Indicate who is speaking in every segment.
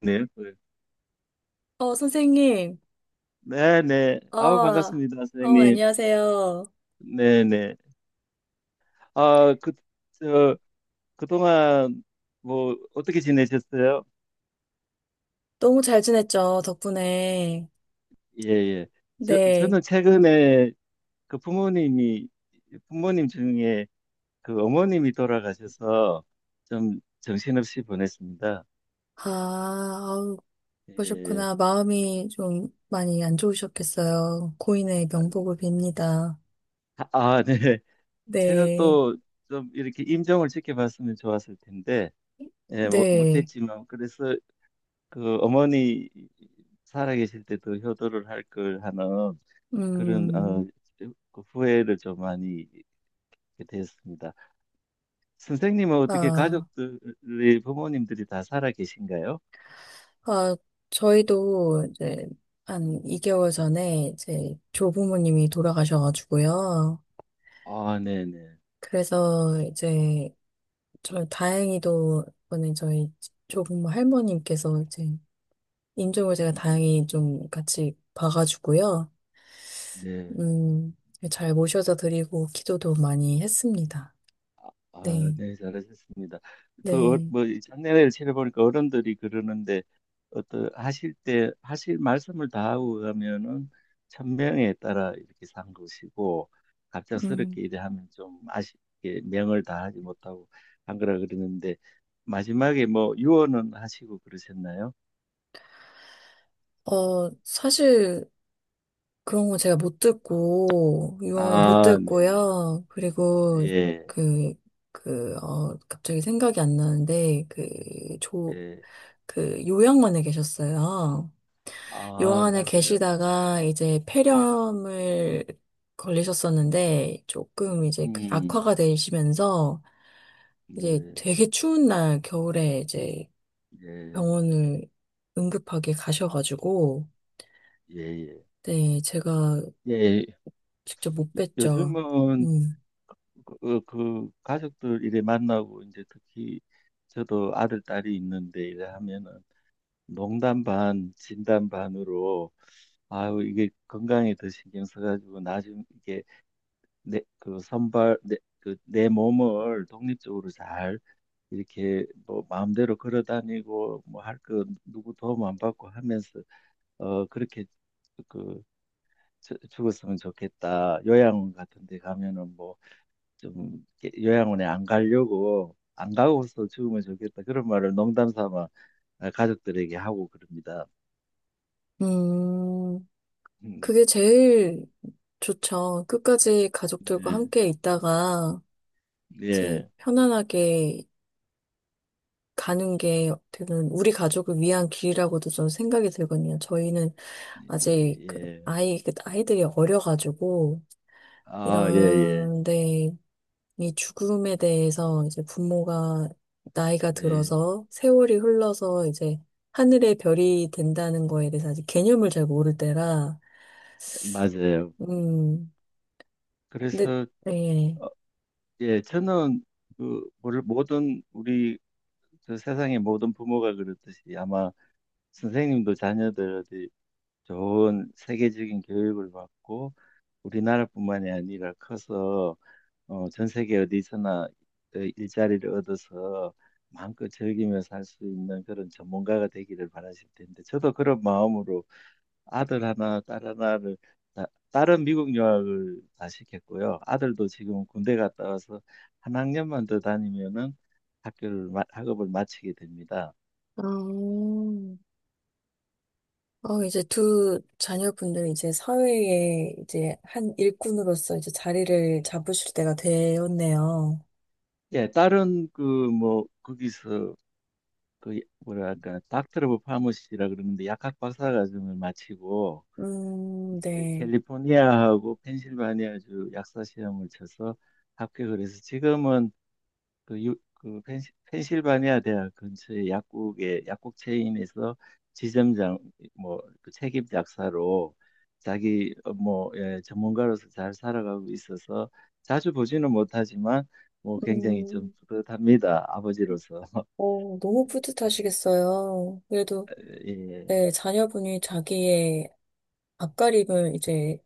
Speaker 1: 네. 네.
Speaker 2: 선생님.
Speaker 1: 네네. 아우, 반갑습니다, 선생님.
Speaker 2: 안녕하세요.
Speaker 1: 네네. 아, 그, 저, 그동안 뭐, 어떻게 지내셨어요?
Speaker 2: 너무 잘 지냈죠, 덕분에.
Speaker 1: 예, 예. 저,
Speaker 2: 네.
Speaker 1: 저는 최근에 그 부모님이, 부모님 중에 그 어머님이 돌아가셔서 좀 정신없이 보냈습니다.
Speaker 2: 아, 아우,
Speaker 1: 예.
Speaker 2: 그러셨구나. 마음이 좀 많이 안 좋으셨겠어요. 고인의 명복을 빕니다.
Speaker 1: 아, 네. 제가
Speaker 2: 네.
Speaker 1: 또 좀 이렇게 임종을 지켜봤으면 좋았을 텐데, 예, 뭐,
Speaker 2: 네.
Speaker 1: 못했지만, 그래서 그 어머니 살아계실 때도 효도를 할 걸 하는 그런
Speaker 2: 음,
Speaker 1: 그 후회를 좀 많이 됐습니다. 선생님은 어떻게
Speaker 2: 아,
Speaker 1: 가족들이 부모님들이 다 살아계신가요?
Speaker 2: 아, 저희도 이제 한 2개월 전에 이제 조부모님이 돌아가셔가지고요.
Speaker 1: 아, 네네.
Speaker 2: 그래서 이제 저 다행히도 이번에 저희 조부모 할머님께서 이제 인종을 제가
Speaker 1: 음,
Speaker 2: 다행히 좀 같이 봐가지고요.
Speaker 1: 네.
Speaker 2: 음, 잘 모셔다 드리고 기도도 많이 했습니다.
Speaker 1: 아,
Speaker 2: 네,
Speaker 1: 네, 잘하셨습니다. 그,
Speaker 2: 네.
Speaker 1: 뭐, 장례를 치러보니까 어른들이 그러는데, 어떤, 하실 때, 하실 말씀을 다 하고 가면은, 천명에 따라 이렇게 산 것이고,
Speaker 2: 음,
Speaker 1: 갑작스럽게 이래 하면 좀 아쉽게 명을 다 하지 못하고 한 거라 그러는데, 마지막에 뭐, 유언은 하시고 그러셨나요?
Speaker 2: 사실 그런 거 제가 못 듣고 유언 못
Speaker 1: 아, 네네.
Speaker 2: 듣고요. 그리고
Speaker 1: 예,
Speaker 2: 그, 갑자기 생각이 안 나는데 조,
Speaker 1: 예.
Speaker 2: 그 요양원에 계셨어요. 요양
Speaker 1: 아,
Speaker 2: 안에
Speaker 1: 맞아요.
Speaker 2: 계시다가 이제 폐렴을 걸리셨었는데 조금 이제 그
Speaker 1: 음,
Speaker 2: 악화가 되시면서 이제
Speaker 1: 네,
Speaker 2: 되게 추운 날 겨울에 이제
Speaker 1: 예,
Speaker 2: 병원을 응급하게 가셔가지고,
Speaker 1: 예, 예.
Speaker 2: 네, 제가
Speaker 1: 예,
Speaker 2: 직접 못 뵀죠.
Speaker 1: 요즘은
Speaker 2: 음.
Speaker 1: 그, 그 가족들 이래 만나고 이제 특히 저도 아들 딸이 있는데 이래 하면은 농담 반 진담 반으로, 아유 이게 건강에 더 신경 써가지고 나중 이게 내 그 선발 내 그 내 몸을 독립적으로 잘 이렇게 뭐 마음대로 걸어 다니고 뭐 할 거 누구 도움 안 받고 하면서 어 그렇게 그 죽었으면 좋겠다, 요양원 같은 데 가면은 뭐 좀 요양원에 안 가려고 안 가고서 죽으면 좋겠다, 그런 말을 농담 삼아 가족들에게 하고 그럽니다.
Speaker 2: 음,
Speaker 1: 음,
Speaker 2: 그게 제일 좋죠. 끝까지 가족들과
Speaker 1: 네,
Speaker 2: 함께 있다가 이제
Speaker 1: 예,
Speaker 2: 편안하게 가는 게 어떻게 보면 우리 가족을 위한 길이라고도 저는 생각이 들거든요. 저희는
Speaker 1: 예,
Speaker 2: 아직
Speaker 1: 예.
Speaker 2: 그 아이들이 어려가지고
Speaker 1: 아, 예, 예,
Speaker 2: 이런 데 이 죽음에 대해서 이제 부모가 나이가
Speaker 1: 예,
Speaker 2: 들어서 세월이 흘러서 이제 하늘의 별이 된다는 거에 대해서 아직 개념을 잘 모를 때라.
Speaker 1: 맞아요.
Speaker 2: 음 근데,
Speaker 1: 그래서
Speaker 2: 예.
Speaker 1: 어, 예, 저는 그 모든 우리 저 세상의 모든 부모가 그렇듯이 아마 선생님도 자녀들이 좋은 세계적인 교육을 받고 우리나라뿐만이 아니라 커서 전 세계 어디서나 그 일자리를 얻어서 마음껏 즐기며 살 수 있는 그런 전문가가 되기를 바라실 텐데, 저도 그런 마음으로 아들 하나, 딸 하나를, 다- 딸은 미국 유학을 다 시켰고요. 아들도 지금 군대 갔다 와서 한 학년만 더 다니면은 학교를, 학업을 마치게 됩니다.
Speaker 2: 아. 이제 두 자녀분들 이제 사회에 이제 한 일꾼으로서 이제 자리를 잡으실 때가 되었네요.
Speaker 1: 예, 딸은 그 뭐, 거기서 그 뭐랄까, 닥터 오브 파머시라 그러는데, 약학 박사 과정을 마치고, 네,
Speaker 2: 네.
Speaker 1: 캘리포니아하고 펜실바니아주 약사 시험을 쳐서 합격을 해서 지금은 그, 유, 그 펜실바니아 대학 근처의 약국에, 약국 체인에서 지점장 뭐그 책임 약사로 자기 뭐 예, 전문가로서 잘 살아가고 있어서 자주 보지는 못하지만 뭐 굉장히 좀
Speaker 2: 음,
Speaker 1: 뿌듯합니다. 아버지로서.
Speaker 2: 너무 뿌듯하시겠어요. 그래도,
Speaker 1: 예,
Speaker 2: 네, 자녀분이 자기의 앞가림을 이제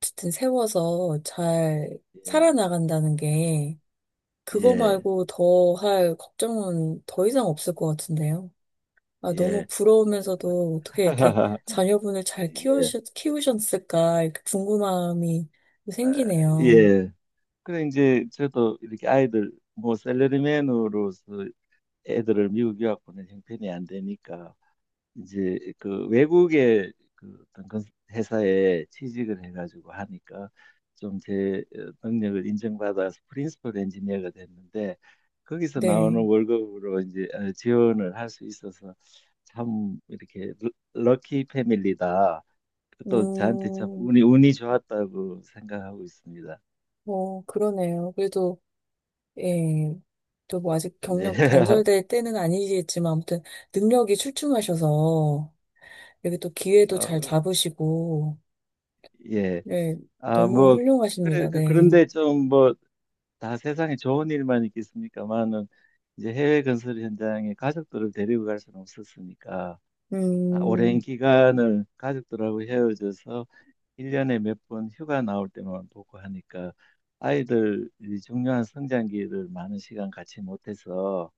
Speaker 2: 어쨌든 세워서 잘
Speaker 1: 예,
Speaker 2: 살아나간다는 게, 그거
Speaker 1: 예,
Speaker 2: 말고 더 할 걱정은 더 이상 없을 것 같은데요. 아, 너무
Speaker 1: 예.
Speaker 2: 부러우면서도 어떻게 이렇게 자녀분을 잘
Speaker 1: 예.
Speaker 2: 키우셨을까, 이렇게 궁금함이
Speaker 1: 아,
Speaker 2: 생기네요.
Speaker 1: 예. 그래 이제 저도 이렇게, 아이들 뭐, 셀러리맨으로서 애들을 미국 유학 보낸 형편이 안 되니까 이제 그 외국의 그 어떤 회사에 취직을 해가지고 하니까 좀 제 능력을 인정받아서 프린시플 엔지니어가 됐는데, 거기서 나오는
Speaker 2: 네.
Speaker 1: 월급으로 이제 지원을 할 수 있어서, 참 이렇게 럭키 패밀리다. 또 저한테 참
Speaker 2: 음,
Speaker 1: 운이 좋았다고 생각하고 있습니다.
Speaker 2: 뭐, 그러네요. 그래도, 예, 또 뭐 아직
Speaker 1: 네.
Speaker 2: 경력 단절될 때는 아니겠지만, 아무튼 능력이 출중하셔서, 여기 또 기회도 잘
Speaker 1: 어,
Speaker 2: 잡으시고,
Speaker 1: 예.
Speaker 2: 네,
Speaker 1: 아,
Speaker 2: 너무
Speaker 1: 뭐, 그래,
Speaker 2: 훌륭하십니다. 네.
Speaker 1: 그런데 좀 뭐, 다 세상에 좋은 일만 있겠습니까만은, 이제 해외 건설 현장에 가족들을 데리고 갈 수는 없었으니까, 아, 오랜
Speaker 2: 음,
Speaker 1: 기간을 가족들하고 헤어져서 1년에 몇 번 휴가 나올 때만 보고 하니까, 아이들이 중요한 성장기를 많은 시간 같이 못해서,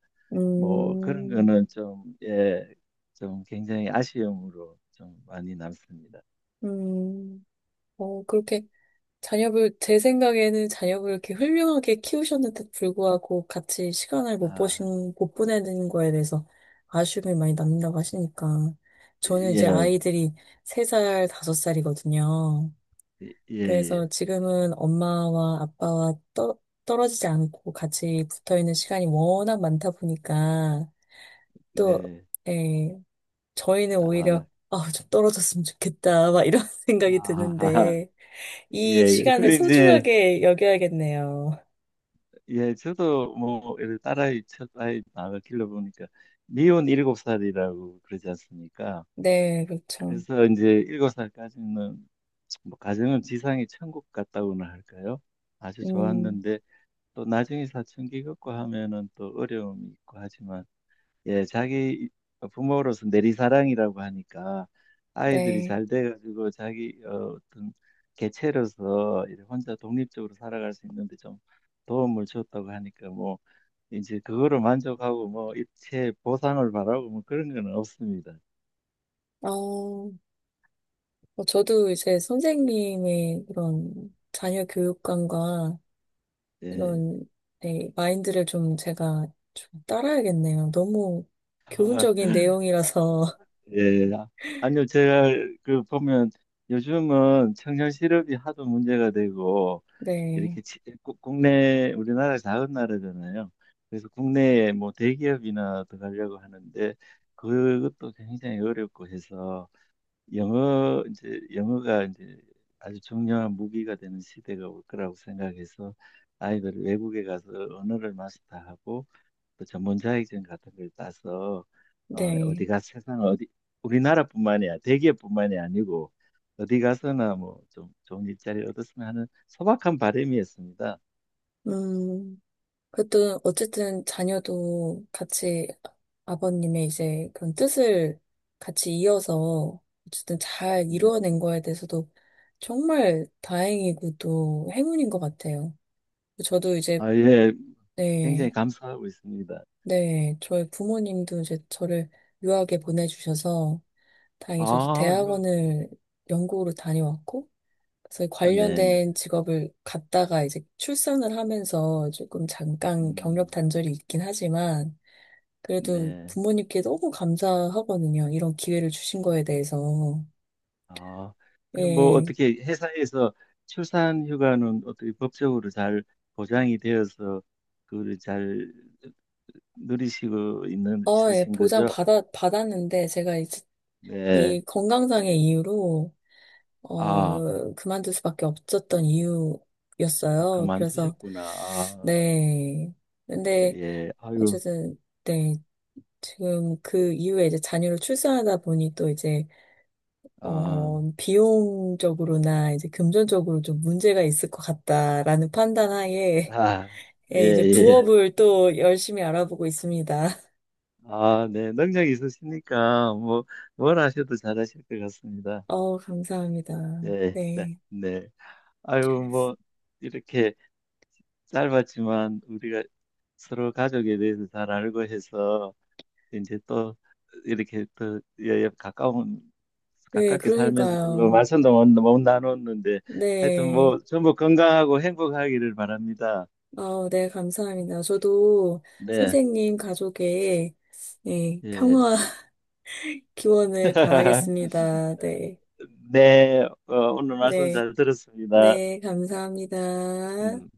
Speaker 1: 뭐, 그런
Speaker 2: 음,
Speaker 1: 거는 좀, 예, 좀 굉장히 아쉬움으로 좀 많이 남습니다.
Speaker 2: 음, 그렇게, 자녀를, 제 생각에는 자녀를 이렇게 훌륭하게 키우셨는데도 불구하고 같이 시간을
Speaker 1: 아,
Speaker 2: 못 보내는 거에 대해서 아쉬움이 많이 남는다고 하시니까. 저는 이제
Speaker 1: 예.
Speaker 2: 아이들이 3살, 5살이거든요.
Speaker 1: 예,
Speaker 2: 그래서
Speaker 1: 예.
Speaker 2: 지금은 엄마와 아빠와 떨어지지 않고 같이 붙어 있는 시간이 워낙 많다 보니까, 또,
Speaker 1: 네.
Speaker 2: 예, 저희는
Speaker 1: 아,
Speaker 2: 오히려, 아, 좀 떨어졌으면 좋겠다, 막 이런 생각이
Speaker 1: 아,
Speaker 2: 드는데. 이
Speaker 1: 예.
Speaker 2: 시간을
Speaker 1: 그래, 이제,
Speaker 2: 소중하게 여겨야겠네요.
Speaker 1: 예, 저도 뭐, 이렇게 딸아이, 첫아이 아가 길러보니까, 미혼 일곱 살이라고 그러지 않습니까?
Speaker 2: 네, 그렇죠.
Speaker 1: 그래서 이제 일곱 살까지는, 뭐, 가정은 지상의 천국 같다고나 할까요? 아주
Speaker 2: 음,
Speaker 1: 좋았는데, 또 나중에 사춘기 겪고 하면은 또 어려움이 있고 하지만, 예, 자기 부모로서 내리사랑이라고 하니까, 아이들이
Speaker 2: 네.
Speaker 1: 잘 돼가지고 자기 어떤 개체로서 이렇게 혼자 독립적으로 살아갈 수 있는데 좀 도움을 줬다고 하니까, 뭐 이제 그거로 만족하고 뭐 일체 보상을 바라고 뭐 그런 건 없습니다.
Speaker 2: 뭐, 저도 이제 선생님의 그런 자녀 교육관과
Speaker 1: 예.
Speaker 2: 이런, 네, 마인드를 좀 제가 좀 따라야겠네요. 너무
Speaker 1: 아,
Speaker 2: 교훈적인 내용이라서.
Speaker 1: 예. 아, 아니요, 제가 그 보면 요즘은 청년 실업이 하도 문제가 되고,
Speaker 2: 네,
Speaker 1: 이렇게 국내 우리나라 작은 나라잖아요. 그래서 국내에 뭐 대기업이나 들어가려고 하는데 그것도 굉장히 어렵고 해서, 영어 이제 영어가 이제 아주 중요한 무기가 되는 시대가 올 거라고 생각해서, 아이들 외국에 가서 언어를 마스터하고 또 전문 자격증 같은 걸 따서 어, 어디
Speaker 2: 네.
Speaker 1: 가서 세상 어디 우리나라뿐만이야 대기업뿐만이 아니고 어디 가서나 뭐 좀 좋은 일자리 얻었으면 하는 소박한 바람이었습니다.
Speaker 2: 음. 그래도 어쨌든 자녀도 같이 아버님의 이제 그런 뜻을 같이 이어서 어쨌든 잘
Speaker 1: 네.
Speaker 2: 이루어낸 거에 대해서도 정말 다행이고 또 행운인 것 같아요. 저도 이제,
Speaker 1: 아, 예.
Speaker 2: 네,
Speaker 1: 굉장히 감사하고 있습니다.
Speaker 2: 네, 저희 부모님도 이제 저를 유학에 보내주셔서 다행히 저도
Speaker 1: 아,
Speaker 2: 대학원을 영국으로 다녀왔고, 그래서
Speaker 1: 아, 네, 네.
Speaker 2: 관련된 직업을 갖다가 이제 출산을 하면서 조금 잠깐 경력
Speaker 1: 음,
Speaker 2: 단절이 있긴 하지만, 그래도
Speaker 1: 네.
Speaker 2: 부모님께 너무 감사하거든요. 이런 기회를 주신 거에 대해서.
Speaker 1: 아, 그럼 뭐
Speaker 2: 예.
Speaker 1: 어떻게, 회사에서 출산 휴가는 어떻게 법적으로 잘 보장이 되어서 그걸 잘 누리시고 있는
Speaker 2: 예,
Speaker 1: 있으신 거죠?
Speaker 2: 받았는데, 제가 이제
Speaker 1: 네.
Speaker 2: 이 건강상의 이유로,
Speaker 1: 아,
Speaker 2: 그만둘 수밖에 없었던
Speaker 1: 아,
Speaker 2: 이유였어요. 그래서,
Speaker 1: 그만두셨구나. 아,
Speaker 2: 네. 근데,
Speaker 1: 예. 아유,
Speaker 2: 어쨌든, 네. 지금 그 이후에 이제 자녀를 출산하다 보니 또 이제,
Speaker 1: 아,
Speaker 2: 비용적으로나 이제 금전적으로 좀 문제가 있을 것 같다라는 판단 하에,
Speaker 1: 아, 예,
Speaker 2: 예, 이제
Speaker 1: 예.
Speaker 2: 부업을 또 열심히 알아보고 있습니다.
Speaker 1: 아, 네. 능력이 있으시니까, 뭐, 뭘 하셔도 잘하실 것 같습니다.
Speaker 2: 감사합니다.
Speaker 1: 네, 네,
Speaker 2: 네.
Speaker 1: 네. 아유, 뭐, 이렇게 짧았지만, 우리가 서로 가족에 대해서 잘 알고 해서, 이제 또 이렇게 또 예, 예, 가까운
Speaker 2: 네,
Speaker 1: 가깝게 살면서 별로
Speaker 2: 그러니까요.
Speaker 1: 말씀도 못, 못 나눴는데 하여튼
Speaker 2: 네.
Speaker 1: 뭐 전부 건강하고 행복하기를 바랍니다.
Speaker 2: 네, 감사합니다. 저도
Speaker 1: 네,
Speaker 2: 선생님 가족의, 네,
Speaker 1: 예.
Speaker 2: 평화 기원을 바라겠습니다. 네.
Speaker 1: 네, 어, 오늘 말씀
Speaker 2: 네.
Speaker 1: 잘 들었습니다.
Speaker 2: 네, 감사합니다.
Speaker 1: 음.